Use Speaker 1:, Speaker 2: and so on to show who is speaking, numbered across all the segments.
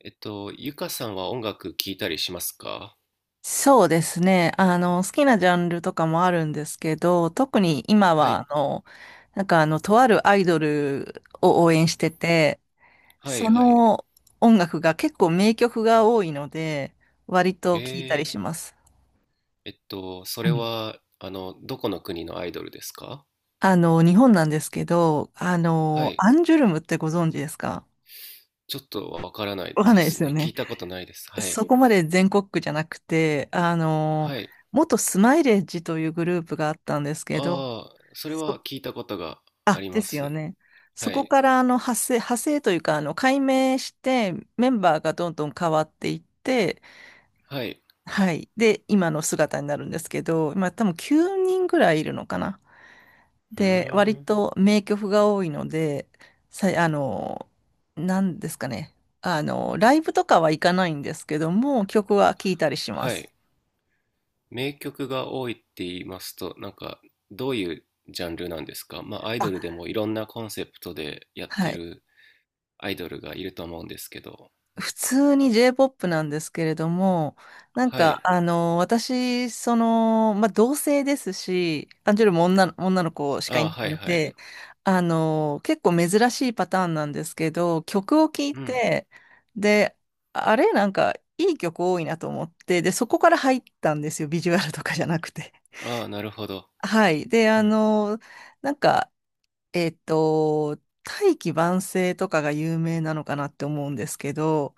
Speaker 1: ゆかさんは音楽聴いたりしますか？
Speaker 2: そうですね。好きなジャンルとかもあるんですけど、特に今
Speaker 1: はい。
Speaker 2: は、とあるアイドルを応援してて、
Speaker 1: はい
Speaker 2: そ
Speaker 1: はい。
Speaker 2: の音楽が結構名曲が多いので、割と聴いたり
Speaker 1: え
Speaker 2: します。
Speaker 1: そ
Speaker 2: は
Speaker 1: れ
Speaker 2: い。
Speaker 1: は、どこの国のアイドルですか？
Speaker 2: 日本なんですけど、
Speaker 1: はい。
Speaker 2: アンジュルムってご存知ですか？
Speaker 1: ちょっとわからない
Speaker 2: わかん
Speaker 1: で
Speaker 2: ないで
Speaker 1: す
Speaker 2: すよ
Speaker 1: ね。聞
Speaker 2: ね。
Speaker 1: いたことないです。はい。
Speaker 2: そこまで全国区じゃなくて、
Speaker 1: はい。
Speaker 2: 元スマイレージというグループがあったんですけど、
Speaker 1: ああ、それ
Speaker 2: そ
Speaker 1: は聞いたことがあ
Speaker 2: あ、
Speaker 1: り
Speaker 2: で
Speaker 1: ま
Speaker 2: すよ
Speaker 1: す。
Speaker 2: ね。そ
Speaker 1: は
Speaker 2: こ
Speaker 1: い。
Speaker 2: から派生、というか、解明してメンバーがどんどん変わっていって、
Speaker 1: はい。
Speaker 2: はい。で、今の姿になるんですけど、今多分9人ぐらいいるのかな。
Speaker 1: う
Speaker 2: で、割
Speaker 1: ーん。
Speaker 2: と名曲が多いので、さい、あの、なんですかね。あの、ライブとかは行かないんですけども、曲は聴いたりしま
Speaker 1: は
Speaker 2: す。
Speaker 1: い。名曲が多いって言いますと、なんか、どういうジャンルなんですか？まあ、アイ
Speaker 2: あ、
Speaker 1: ドルでもいろんなコンセプトでやっ
Speaker 2: は
Speaker 1: て
Speaker 2: い。
Speaker 1: るアイドルがいると思うんですけど。
Speaker 2: 普通に J-POP なんですけれども、
Speaker 1: はい。
Speaker 2: 私、同性ですし、アンジュルも女の子しかい
Speaker 1: あ
Speaker 2: な
Speaker 1: あ、は
Speaker 2: い
Speaker 1: い
Speaker 2: の
Speaker 1: はい。
Speaker 2: で、結構珍しいパターンなんですけど、曲を聴い
Speaker 1: うん。
Speaker 2: て、で、あれ、なんか、いい曲多いなと思って、で、そこから入ったんですよ、ビジュアルとかじゃなくて。
Speaker 1: ああ、なるほど。
Speaker 2: はい。で、
Speaker 1: うん。
Speaker 2: なんか、えっと、大器晩成とかが有名なのかなって思うんですけど、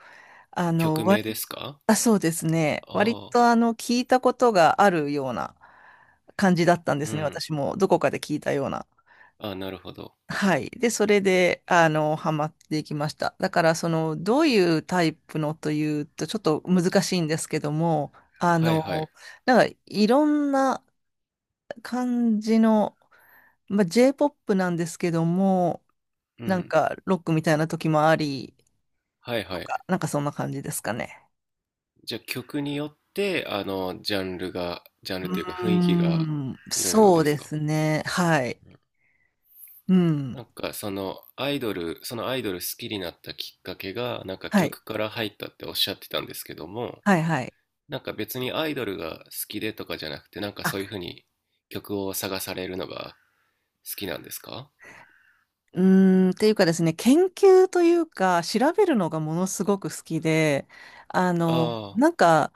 Speaker 2: あの、
Speaker 1: 曲名で
Speaker 2: 割
Speaker 1: すか？
Speaker 2: あ、そうですね。割
Speaker 1: ああ、
Speaker 2: とあの、聞いたことがあるような感じだったんで
Speaker 1: う
Speaker 2: すね。
Speaker 1: ん。
Speaker 2: 私もどこかで聞いたような。
Speaker 1: ああ、なるほど。
Speaker 2: はい。で、それで、ハマっていきました。だから、どういうタイプのというと、ちょっと難しいんですけども、あ
Speaker 1: はいはい。
Speaker 2: の、いろんな感じの、まあ、J-POP なんですけども、
Speaker 1: うん。
Speaker 2: ロックみたいな時もあり、
Speaker 1: はい
Speaker 2: と
Speaker 1: はい。
Speaker 2: か、なんかそんな感じですかね。
Speaker 1: じゃあ曲によって、ジャンルが、ジャン
Speaker 2: う
Speaker 1: ルというか
Speaker 2: ー
Speaker 1: 雰囲気が
Speaker 2: ん、
Speaker 1: いろいろ
Speaker 2: そ
Speaker 1: で
Speaker 2: う
Speaker 1: す
Speaker 2: で
Speaker 1: か？
Speaker 2: すね。はい。うん。
Speaker 1: なんかそのアイドル好きになったきっかけが、なんか
Speaker 2: はい。
Speaker 1: 曲から入ったっておっしゃってたんですけども、
Speaker 2: はい、はい。
Speaker 1: なんか別にアイドルが好きでとかじゃなくて、なんかそういうふ
Speaker 2: あ、
Speaker 1: うに曲を探されるのが好きなんですか？
Speaker 2: うーん、っていうかですね、研究というか、調べるのがものすごく好きで、あの、
Speaker 1: ああ、
Speaker 2: なんか、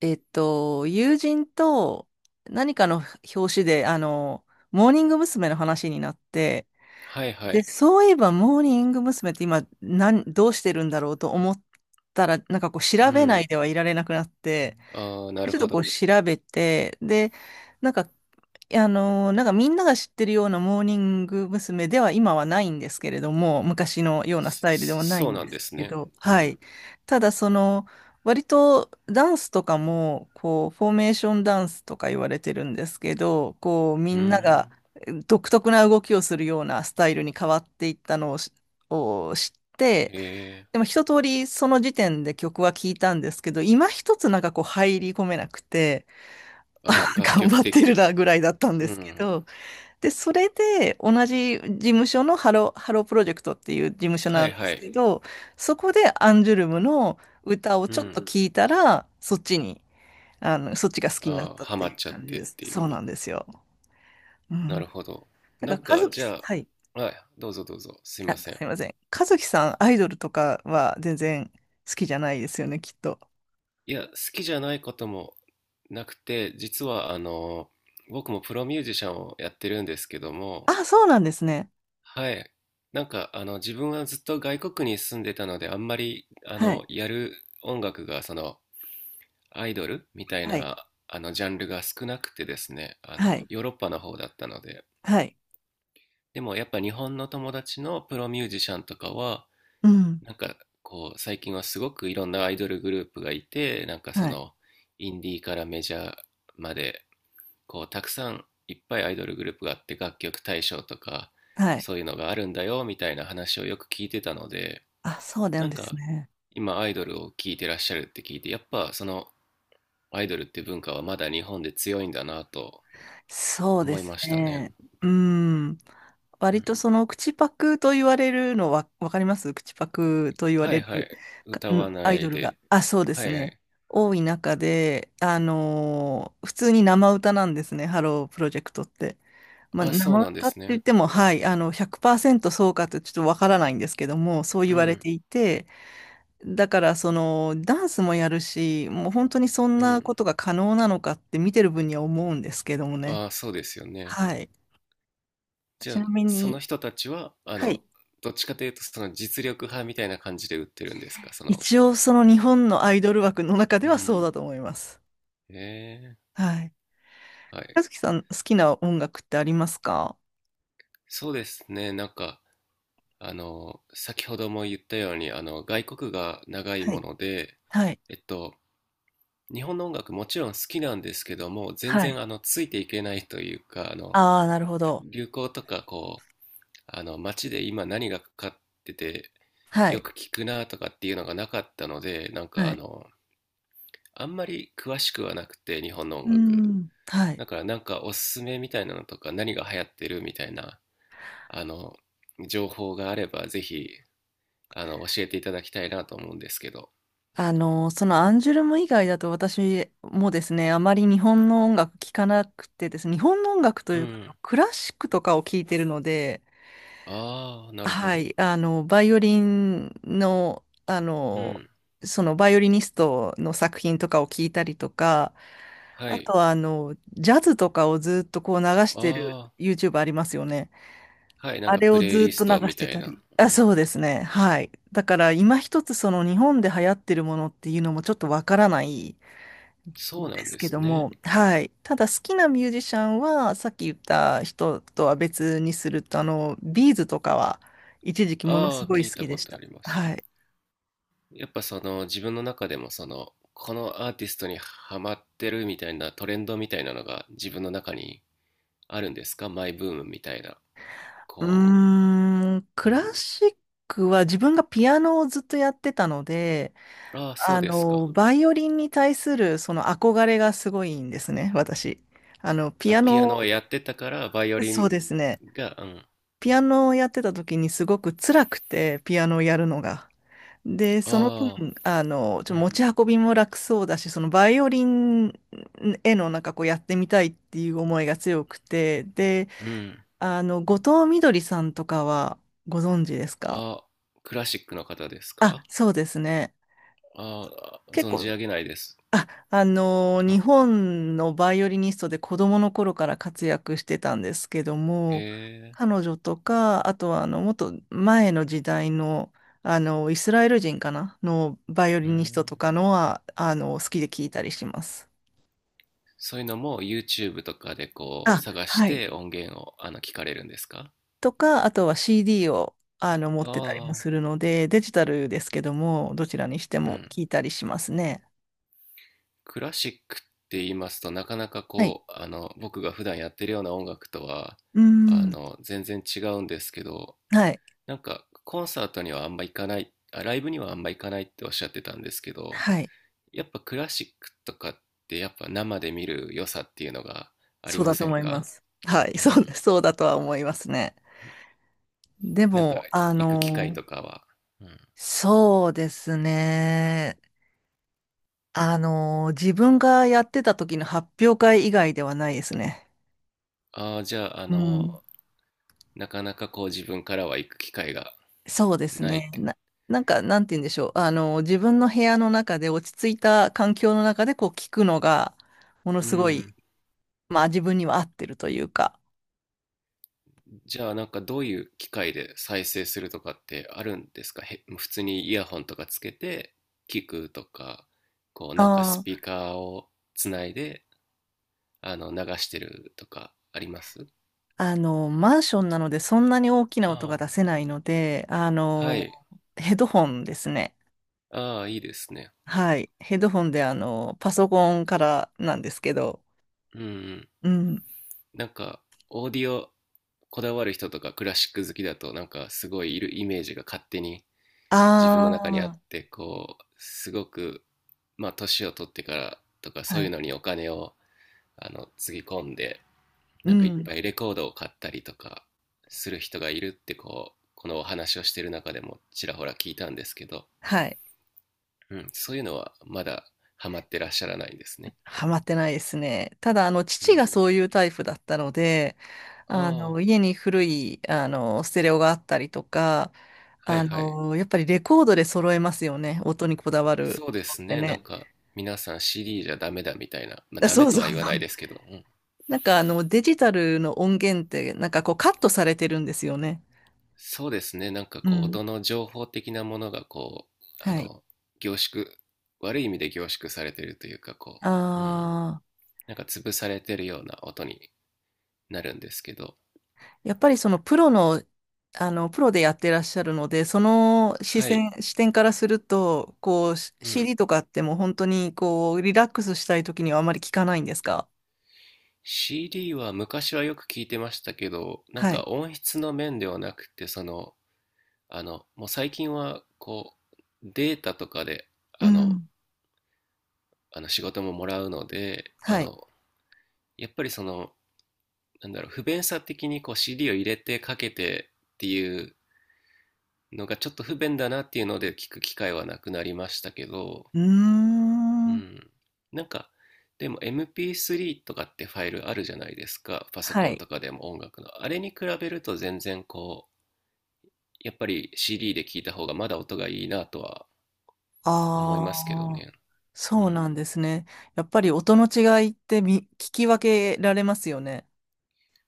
Speaker 2: 友人と何かの表紙で、モーニング娘。の話になって、
Speaker 1: はいは
Speaker 2: で、
Speaker 1: い。
Speaker 2: そういえば、モーニング娘。って今、どうしてるんだろうと思ったら、調
Speaker 1: う
Speaker 2: べな
Speaker 1: ん。
Speaker 2: いではいられなくなって、
Speaker 1: ああ、なる
Speaker 2: ちょっ
Speaker 1: ほ
Speaker 2: とこう
Speaker 1: ど。
Speaker 2: 調べて、で、なんか、みんなが知ってるようなモーニング娘。では今はないんですけれども、昔のようなスタイルではない
Speaker 1: そう
Speaker 2: ん
Speaker 1: な
Speaker 2: で
Speaker 1: んで
Speaker 2: す
Speaker 1: す
Speaker 2: け
Speaker 1: ね。
Speaker 2: ど、
Speaker 1: う
Speaker 2: は
Speaker 1: ん。
Speaker 2: い。ただその、割とダンスとかも、こう、フォーメーションダンスとか言われてるんですけど、こう、み
Speaker 1: う
Speaker 2: んなが
Speaker 1: ん。
Speaker 2: 独特な動きをするようなスタイルに変わっていったのを知っ
Speaker 1: へ
Speaker 2: て、
Speaker 1: え。
Speaker 2: でも一通りその時点で曲は聴いたんですけど、今一つなんかこう入り込めなくて、あ
Speaker 1: ああ、楽
Speaker 2: 頑
Speaker 1: 曲
Speaker 2: 張って
Speaker 1: 的。
Speaker 2: るなぐらいだったん
Speaker 1: う
Speaker 2: ですけ
Speaker 1: ん。
Speaker 2: ど、で、それで同じ事務所のハロープロジェクトっていう事務所
Speaker 1: は
Speaker 2: な
Speaker 1: い
Speaker 2: んで
Speaker 1: は
Speaker 2: す
Speaker 1: い。
Speaker 2: けど、そこでアンジュルムの歌を
Speaker 1: う
Speaker 2: ちょっと
Speaker 1: ん。
Speaker 2: 聴いたら、そっちに、そっちが好きになっ
Speaker 1: ああ、
Speaker 2: たっ
Speaker 1: ハ
Speaker 2: て
Speaker 1: マっ
Speaker 2: いう
Speaker 1: ちゃっ
Speaker 2: 感じ
Speaker 1: てっ
Speaker 2: です。
Speaker 1: ていう
Speaker 2: そうな
Speaker 1: か。
Speaker 2: んですよ。う
Speaker 1: なる
Speaker 2: ん。
Speaker 1: ほど。な
Speaker 2: な
Speaker 1: ん
Speaker 2: んから、
Speaker 1: か、
Speaker 2: 和樹、
Speaker 1: じゃ
Speaker 2: はい。
Speaker 1: あ、はい、どうぞどうぞ。すい
Speaker 2: あ、
Speaker 1: ません。
Speaker 2: すいません。和樹さん、アイドルとかは全然好きじゃないですよね、きっと。
Speaker 1: いや、好きじゃないこともなくて、実は、僕もプロミュージシャンをやってるんですけども、
Speaker 2: あ、そうなんですね。
Speaker 1: はい。なんか、自分はずっと外国に住んでたので、あんまり、
Speaker 2: はい。
Speaker 1: やる音楽が、その、アイドルみたい
Speaker 2: はい。
Speaker 1: な、ジャンルが少なくてですね、
Speaker 2: はい。
Speaker 1: ヨーロッパの方だったので、
Speaker 2: はい。
Speaker 1: でもやっぱ日本の友達のプロミュージシャンとかは、
Speaker 2: うん。
Speaker 1: なんか、こう、最近はすごくいろんなアイドルグループがいて、なんかそ
Speaker 2: はい。
Speaker 1: の、インディーからメジャーまで、こうたくさんいっぱいアイドルグループがあって楽曲大賞とか
Speaker 2: はい。
Speaker 1: そういうのがあるんだよみたいな話をよく聞いてたので、
Speaker 2: あ、そうな
Speaker 1: な
Speaker 2: ん
Speaker 1: ん
Speaker 2: です
Speaker 1: か
Speaker 2: ね。
Speaker 1: 今アイドルを聞いてらっしゃるって聞いてやっぱそのアイドルって文化はまだ日本で強いんだなと
Speaker 2: そうで
Speaker 1: 思い
Speaker 2: す
Speaker 1: ましたね。
Speaker 2: ね。うん。
Speaker 1: う
Speaker 2: 割と
Speaker 1: ん。
Speaker 2: その口パクと言われるのは、わかります、口パクと言わ
Speaker 1: は
Speaker 2: れ
Speaker 1: いは
Speaker 2: る、
Speaker 1: い、歌
Speaker 2: う
Speaker 1: わ
Speaker 2: ん、
Speaker 1: な
Speaker 2: アイド
Speaker 1: い
Speaker 2: ルが。
Speaker 1: で。
Speaker 2: あ、そうで
Speaker 1: は
Speaker 2: す
Speaker 1: いは
Speaker 2: ね。
Speaker 1: い。
Speaker 2: 多い中で、普通に生歌なんですね、ハロープロジェクトって。まあ、
Speaker 1: あ、そう
Speaker 2: 生
Speaker 1: なんで
Speaker 2: 歌っ
Speaker 1: す
Speaker 2: て言っ
Speaker 1: ね。
Speaker 2: ても、はい、100%そうかとちょっとわからないんですけども、そう
Speaker 1: う
Speaker 2: 言われ
Speaker 1: ん
Speaker 2: ていて、だから、ダンスもやるし、もう本当にそん
Speaker 1: う
Speaker 2: な
Speaker 1: ん。
Speaker 2: ことが可能なのかって見てる分には思うんですけどもね。
Speaker 1: あ、そうですよね。
Speaker 2: はい。
Speaker 1: じゃ
Speaker 2: ち
Speaker 1: あ
Speaker 2: なみ
Speaker 1: その
Speaker 2: に、
Speaker 1: 人たちは
Speaker 2: はい。
Speaker 1: どっちかというとその実力派みたいな感じで売ってるんですか？その、
Speaker 2: 一応、その日本のアイドル枠の中で
Speaker 1: う
Speaker 2: はそうだ
Speaker 1: ん。
Speaker 2: と思います。
Speaker 1: え
Speaker 2: はい。
Speaker 1: は
Speaker 2: 和
Speaker 1: い。
Speaker 2: 樹さん、好きな音楽ってありますか？
Speaker 1: そうですね。なんか、先ほども言ったように、外国が長い
Speaker 2: は
Speaker 1: も
Speaker 2: い。
Speaker 1: ので、
Speaker 2: はい。
Speaker 1: えっと、日本の音楽もちろん好きなんですけども、全
Speaker 2: はい。
Speaker 1: 然、ついていけないというか、
Speaker 2: ああ、なるほど。
Speaker 1: 流行とか、こう、街で今何がかかってて、
Speaker 2: は
Speaker 1: よく
Speaker 2: い。
Speaker 1: 聞くなとかっていうのがなかったので、なんか、
Speaker 2: はい。
Speaker 1: あんまり詳しくはなくて、日本の
Speaker 2: う
Speaker 1: 音
Speaker 2: ー
Speaker 1: 楽。
Speaker 2: ん。はい。
Speaker 1: だから、なんか、おすすめみたいなのとか、何が流行ってるみたいな、あの、情報があれば、ぜひ、教えていただきたいなと思うんですけど。
Speaker 2: そのアンジュルム以外だと私もですね、あまり日本の音楽聴かなくてですね、日本の音楽と
Speaker 1: う
Speaker 2: いうか、あ
Speaker 1: ん。
Speaker 2: のクラシックとかを聴いてるので、
Speaker 1: ああ、なるほ
Speaker 2: は
Speaker 1: ど。
Speaker 2: い、あの、バイオリンの、あ
Speaker 1: う
Speaker 2: の、
Speaker 1: ん。
Speaker 2: そのバイオリニストの作品とかを聞いたりとか、
Speaker 1: は
Speaker 2: あと
Speaker 1: い。
Speaker 2: はあの、ジャズとかをずっとこう流してる
Speaker 1: あ
Speaker 2: YouTube ありますよね。
Speaker 1: あ、はい。なん
Speaker 2: あ
Speaker 1: か
Speaker 2: れ
Speaker 1: プ
Speaker 2: を
Speaker 1: レイ
Speaker 2: ず
Speaker 1: リ
Speaker 2: っ
Speaker 1: ス
Speaker 2: と流
Speaker 1: トみ
Speaker 2: して
Speaker 1: たい
Speaker 2: た
Speaker 1: な。
Speaker 2: り。
Speaker 1: う
Speaker 2: あ、
Speaker 1: ん。
Speaker 2: そうですね。はい。だから今一つその日本で流行ってるものっていうのもちょっとわからない
Speaker 1: そう
Speaker 2: で
Speaker 1: なん
Speaker 2: す
Speaker 1: で
Speaker 2: け
Speaker 1: す
Speaker 2: ど
Speaker 1: ね。
Speaker 2: も、はい。ただ好きなミュージシャンは、さっき言った人とは別にすると、ビーズとかは一時期もの
Speaker 1: あ
Speaker 2: す
Speaker 1: あ、
Speaker 2: ごい
Speaker 1: 聞い
Speaker 2: 好
Speaker 1: た
Speaker 2: きで
Speaker 1: こ
Speaker 2: し
Speaker 1: とあ
Speaker 2: た。
Speaker 1: ります。
Speaker 2: はい。
Speaker 1: やっぱその、自分の中でもその、このアーティストにハマってるみたいなトレンドみたいなのが自分の中にあるんですか？マイブームみたいな。
Speaker 2: う
Speaker 1: こ
Speaker 2: ーん、ク
Speaker 1: う。う
Speaker 2: ラ
Speaker 1: ん。
Speaker 2: シックは自分がピアノをずっとやってたので、
Speaker 1: ああ、そうですか。
Speaker 2: バイオリンに対するその憧れがすごいんですね、私。あの、ピ
Speaker 1: あ、
Speaker 2: ア
Speaker 1: ピア
Speaker 2: ノ、
Speaker 1: ノをやってたから、バイオリ
Speaker 2: そう
Speaker 1: ン
Speaker 2: ですね。
Speaker 1: が、うん、
Speaker 2: ピアノをやってた時にすごく辛くて、ピアノをやるのが。で、その分、
Speaker 1: ああ、
Speaker 2: ちょっと
Speaker 1: う
Speaker 2: 持
Speaker 1: ん、
Speaker 2: ち運びも楽そうだし、そのバイオリンへのなんかこうやってみたいっていう思いが強くて、で、
Speaker 1: うん。
Speaker 2: 後藤みどりさんとかはご存知ですか？
Speaker 1: あ、クラシックの方です
Speaker 2: あ、
Speaker 1: か？
Speaker 2: そうですね。
Speaker 1: ああ、
Speaker 2: 結
Speaker 1: 存じ
Speaker 2: 構、
Speaker 1: 上げないです。
Speaker 2: あ、日
Speaker 1: あ、
Speaker 2: 本のバイオリニストで子供の頃から活躍してたんですけど
Speaker 1: へ
Speaker 2: も、
Speaker 1: え、
Speaker 2: 彼女とか、あとはあの、もっと前の時代の、イスラエル人かなのバイオ
Speaker 1: う
Speaker 2: リニスト
Speaker 1: ん。
Speaker 2: とかのは、好きで聞いたりします。
Speaker 1: そういうのも YouTube とかでこう
Speaker 2: あ、
Speaker 1: 探し
Speaker 2: は
Speaker 1: て
Speaker 2: い。
Speaker 1: 音源を聞かれるんですか？
Speaker 2: とか、あとは CD を、持ってたりも
Speaker 1: ああ、
Speaker 2: するので、デジタルですけども、どちらにして
Speaker 1: う
Speaker 2: も
Speaker 1: ん。
Speaker 2: 聞いたりしますね。
Speaker 1: クラシックって言いますとなかなか
Speaker 2: はい。
Speaker 1: こう、僕が普段やってるような音楽とは、
Speaker 2: うーん。
Speaker 1: 全然違うんですけど、
Speaker 2: はい。
Speaker 1: なんかコンサートにはあんま行かない、あ、ライブにはあんま行かないっておっしゃってたんですけど、
Speaker 2: はい。
Speaker 1: やっぱクラシックとかってやっぱ生で見る良さっていうのがあり
Speaker 2: そう
Speaker 1: ま
Speaker 2: だと
Speaker 1: せん
Speaker 2: 思いま
Speaker 1: か？
Speaker 2: す。はい、
Speaker 1: うん。
Speaker 2: そうだとは思いますね。で
Speaker 1: なんか
Speaker 2: も、あ
Speaker 1: 行く機会
Speaker 2: の、
Speaker 1: とかは。うん。
Speaker 2: そうですね。自分がやってた時の発表会以外ではないですね。
Speaker 1: ああ、じゃあ、
Speaker 2: うん。
Speaker 1: なかなかこう自分からは行く機会が
Speaker 2: そうです
Speaker 1: ないっ
Speaker 2: ね。
Speaker 1: ていうか。
Speaker 2: なんて言うんでしょう。自分の部屋の中で落ち着いた環境の中でこう聞くのが、もの
Speaker 1: う
Speaker 2: すごい、
Speaker 1: ん。
Speaker 2: まあ自分には合ってるというか。
Speaker 1: じゃあなんかどういう機会で再生するとかってあるんですか？へ、普通にイヤホンとかつけて聞くとか、こうなんかス
Speaker 2: あ、
Speaker 1: ピーカーをつないで流してるとかあります？
Speaker 2: マンションなのでそんなに大きな音が
Speaker 1: あ
Speaker 2: 出せないので、
Speaker 1: あ。はい。
Speaker 2: ヘッドホンですね。
Speaker 1: ああ、いいですね。
Speaker 2: はい。ヘッドホンで、パソコンからなんですけど、
Speaker 1: うんうん。
Speaker 2: うん。
Speaker 1: なんか、オーディオこだわる人とかクラシック好きだと、なんかすごいいるイメージが勝手に自分の中にあっ
Speaker 2: ああ、
Speaker 1: て、こう、すごく、まあ、年を取ってからとか、そう
Speaker 2: は
Speaker 1: いう
Speaker 2: い。
Speaker 1: のにお金を、つぎ込んで、
Speaker 2: う
Speaker 1: なんかいっ
Speaker 2: ん。
Speaker 1: ぱいレコードを買ったりとかする人がいるって、こう、このお話をしてる中でもちらほら聞いたんですけど、
Speaker 2: はい。
Speaker 1: うん、そういうのはまだハマってらっしゃらないんですね。
Speaker 2: ハマってないですね。ただ、
Speaker 1: う
Speaker 2: 父
Speaker 1: ん。
Speaker 2: がそういうタイプだったので、
Speaker 1: ああ、
Speaker 2: 家に古い、ステレオがあったりとか、
Speaker 1: はいはい。
Speaker 2: やっぱりレコードで揃えますよね。音にこだわる
Speaker 1: そうで
Speaker 2: 人っ
Speaker 1: す
Speaker 2: て
Speaker 1: ね。なん
Speaker 2: ね。
Speaker 1: か、皆さん CD じゃダメだみたいな。まあ、
Speaker 2: あ、
Speaker 1: ダ
Speaker 2: そ
Speaker 1: メ
Speaker 2: う
Speaker 1: と
Speaker 2: そう
Speaker 1: は
Speaker 2: そう。
Speaker 1: 言わないですけど、うん。
Speaker 2: デジタルの音源ってなんかこうカットされてるんですよね。
Speaker 1: そうですね。なんか
Speaker 2: う
Speaker 1: こう、
Speaker 2: ん。
Speaker 1: 音の情報的なものがこう、あ
Speaker 2: はい。
Speaker 1: の、凝縮、悪い意味で凝縮されてるというか、こう、うん。
Speaker 2: ああ、
Speaker 1: なんか潰されてるような音になるんですけど、
Speaker 2: やっぱりそのプロの、プロでやってらっしゃるので、その視
Speaker 1: はい。
Speaker 2: 線、視点からすると、こう、
Speaker 1: うん。
Speaker 2: CD とかってもう本当にこう、リラックスしたい時にはあまり聞かないんですか？
Speaker 1: CD は昔はよく聞いてましたけど、なん
Speaker 2: は
Speaker 1: か
Speaker 2: い。
Speaker 1: 音質の面ではなくて、その、もう最近は、こう、データとかで、
Speaker 2: う
Speaker 1: あの、
Speaker 2: ん。
Speaker 1: 仕事ももらうので
Speaker 2: はい。
Speaker 1: やっぱりそのなんだろう不便さ的にこう CD を入れてかけてっていうのがちょっと不便だなっていうので聞く機会はなくなりましたけど、
Speaker 2: うー
Speaker 1: う
Speaker 2: ん。
Speaker 1: ん、なんかでも MP3 とかってファイルあるじゃないですか？パソ
Speaker 2: は
Speaker 1: コン
Speaker 2: い。
Speaker 1: とかでも音楽のあれに比べると全然こうやっぱり CD で聞いた方がまだ音がいいなとは思いますけど
Speaker 2: ああ、
Speaker 1: ね。う
Speaker 2: そう
Speaker 1: ん。
Speaker 2: なんですね。やっぱり音の違いって聞き分けられますよね。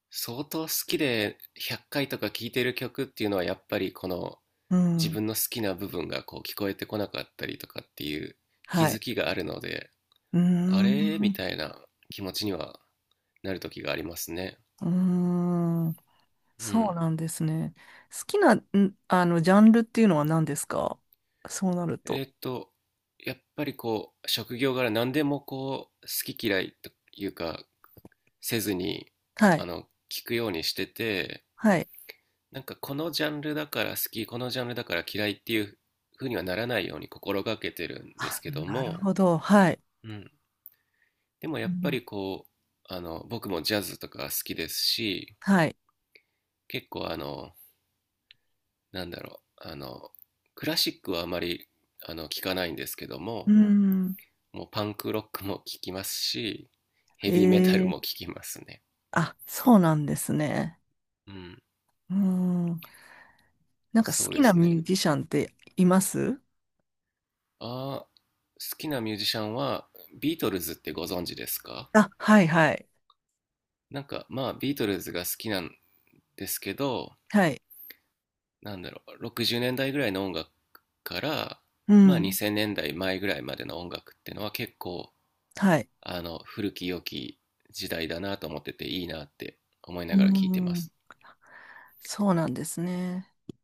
Speaker 1: 相当好きで100回とか聴いてる曲っていうのはやっぱりこの
Speaker 2: う
Speaker 1: 自
Speaker 2: ん。
Speaker 1: 分の好きな部分がこう聞こえてこなかったりとかっていう気
Speaker 2: は
Speaker 1: づ
Speaker 2: い。
Speaker 1: きがあるので、
Speaker 2: うー
Speaker 1: あれみ
Speaker 2: ん、
Speaker 1: たいな気持ちにはなる時がありますね。
Speaker 2: うーん、
Speaker 1: う
Speaker 2: そう
Speaker 1: ん。
Speaker 2: なんですね。好きな、ジャンルっていうのは何ですか、そうなる
Speaker 1: え
Speaker 2: と。
Speaker 1: ーっと、やっぱりこう職業柄何でもこう好き嫌いというかせずに
Speaker 2: はい、
Speaker 1: 聞くようにしてて、
Speaker 2: はい。
Speaker 1: なんかこのジャンルだから好き、このジャンルだから嫌いっていうふうにはならないように心がけてるんです
Speaker 2: あ、
Speaker 1: けど
Speaker 2: なる
Speaker 1: も、
Speaker 2: ほど。はい。
Speaker 1: うん。でもや
Speaker 2: う
Speaker 1: っぱ
Speaker 2: ん、
Speaker 1: りこう、僕もジャズとか好きですし、
Speaker 2: はい。
Speaker 1: 結構なんだろう、クラシックはあまり、聞かないんですけど
Speaker 2: うー
Speaker 1: も、
Speaker 2: ん、
Speaker 1: もうパンクロックも聞きますし、ヘビーメタル
Speaker 2: え
Speaker 1: も
Speaker 2: え、
Speaker 1: 聞きますね。
Speaker 2: あ、そうなんですね。
Speaker 1: うん。
Speaker 2: うーん、なんか好
Speaker 1: そう
Speaker 2: き
Speaker 1: で
Speaker 2: な
Speaker 1: す
Speaker 2: ミュ
Speaker 1: ね。
Speaker 2: ージシャンっています？
Speaker 1: ああ、好きなミュージシャンは、ビートルズってご存知ですか？
Speaker 2: あ、はい、はい。
Speaker 1: なんかまあビートルズが好きなんですけど、
Speaker 2: はい。
Speaker 1: なんだろう、60年代ぐらいの音楽から、
Speaker 2: う
Speaker 1: まあ、
Speaker 2: ん、
Speaker 1: 2000年代前ぐらいまでの音楽っていうのは結構
Speaker 2: はい。
Speaker 1: 古き良き時代だなと思ってていいなって思い
Speaker 2: うー
Speaker 1: ながら聴いてま
Speaker 2: ん、
Speaker 1: す。
Speaker 2: そうなんですね。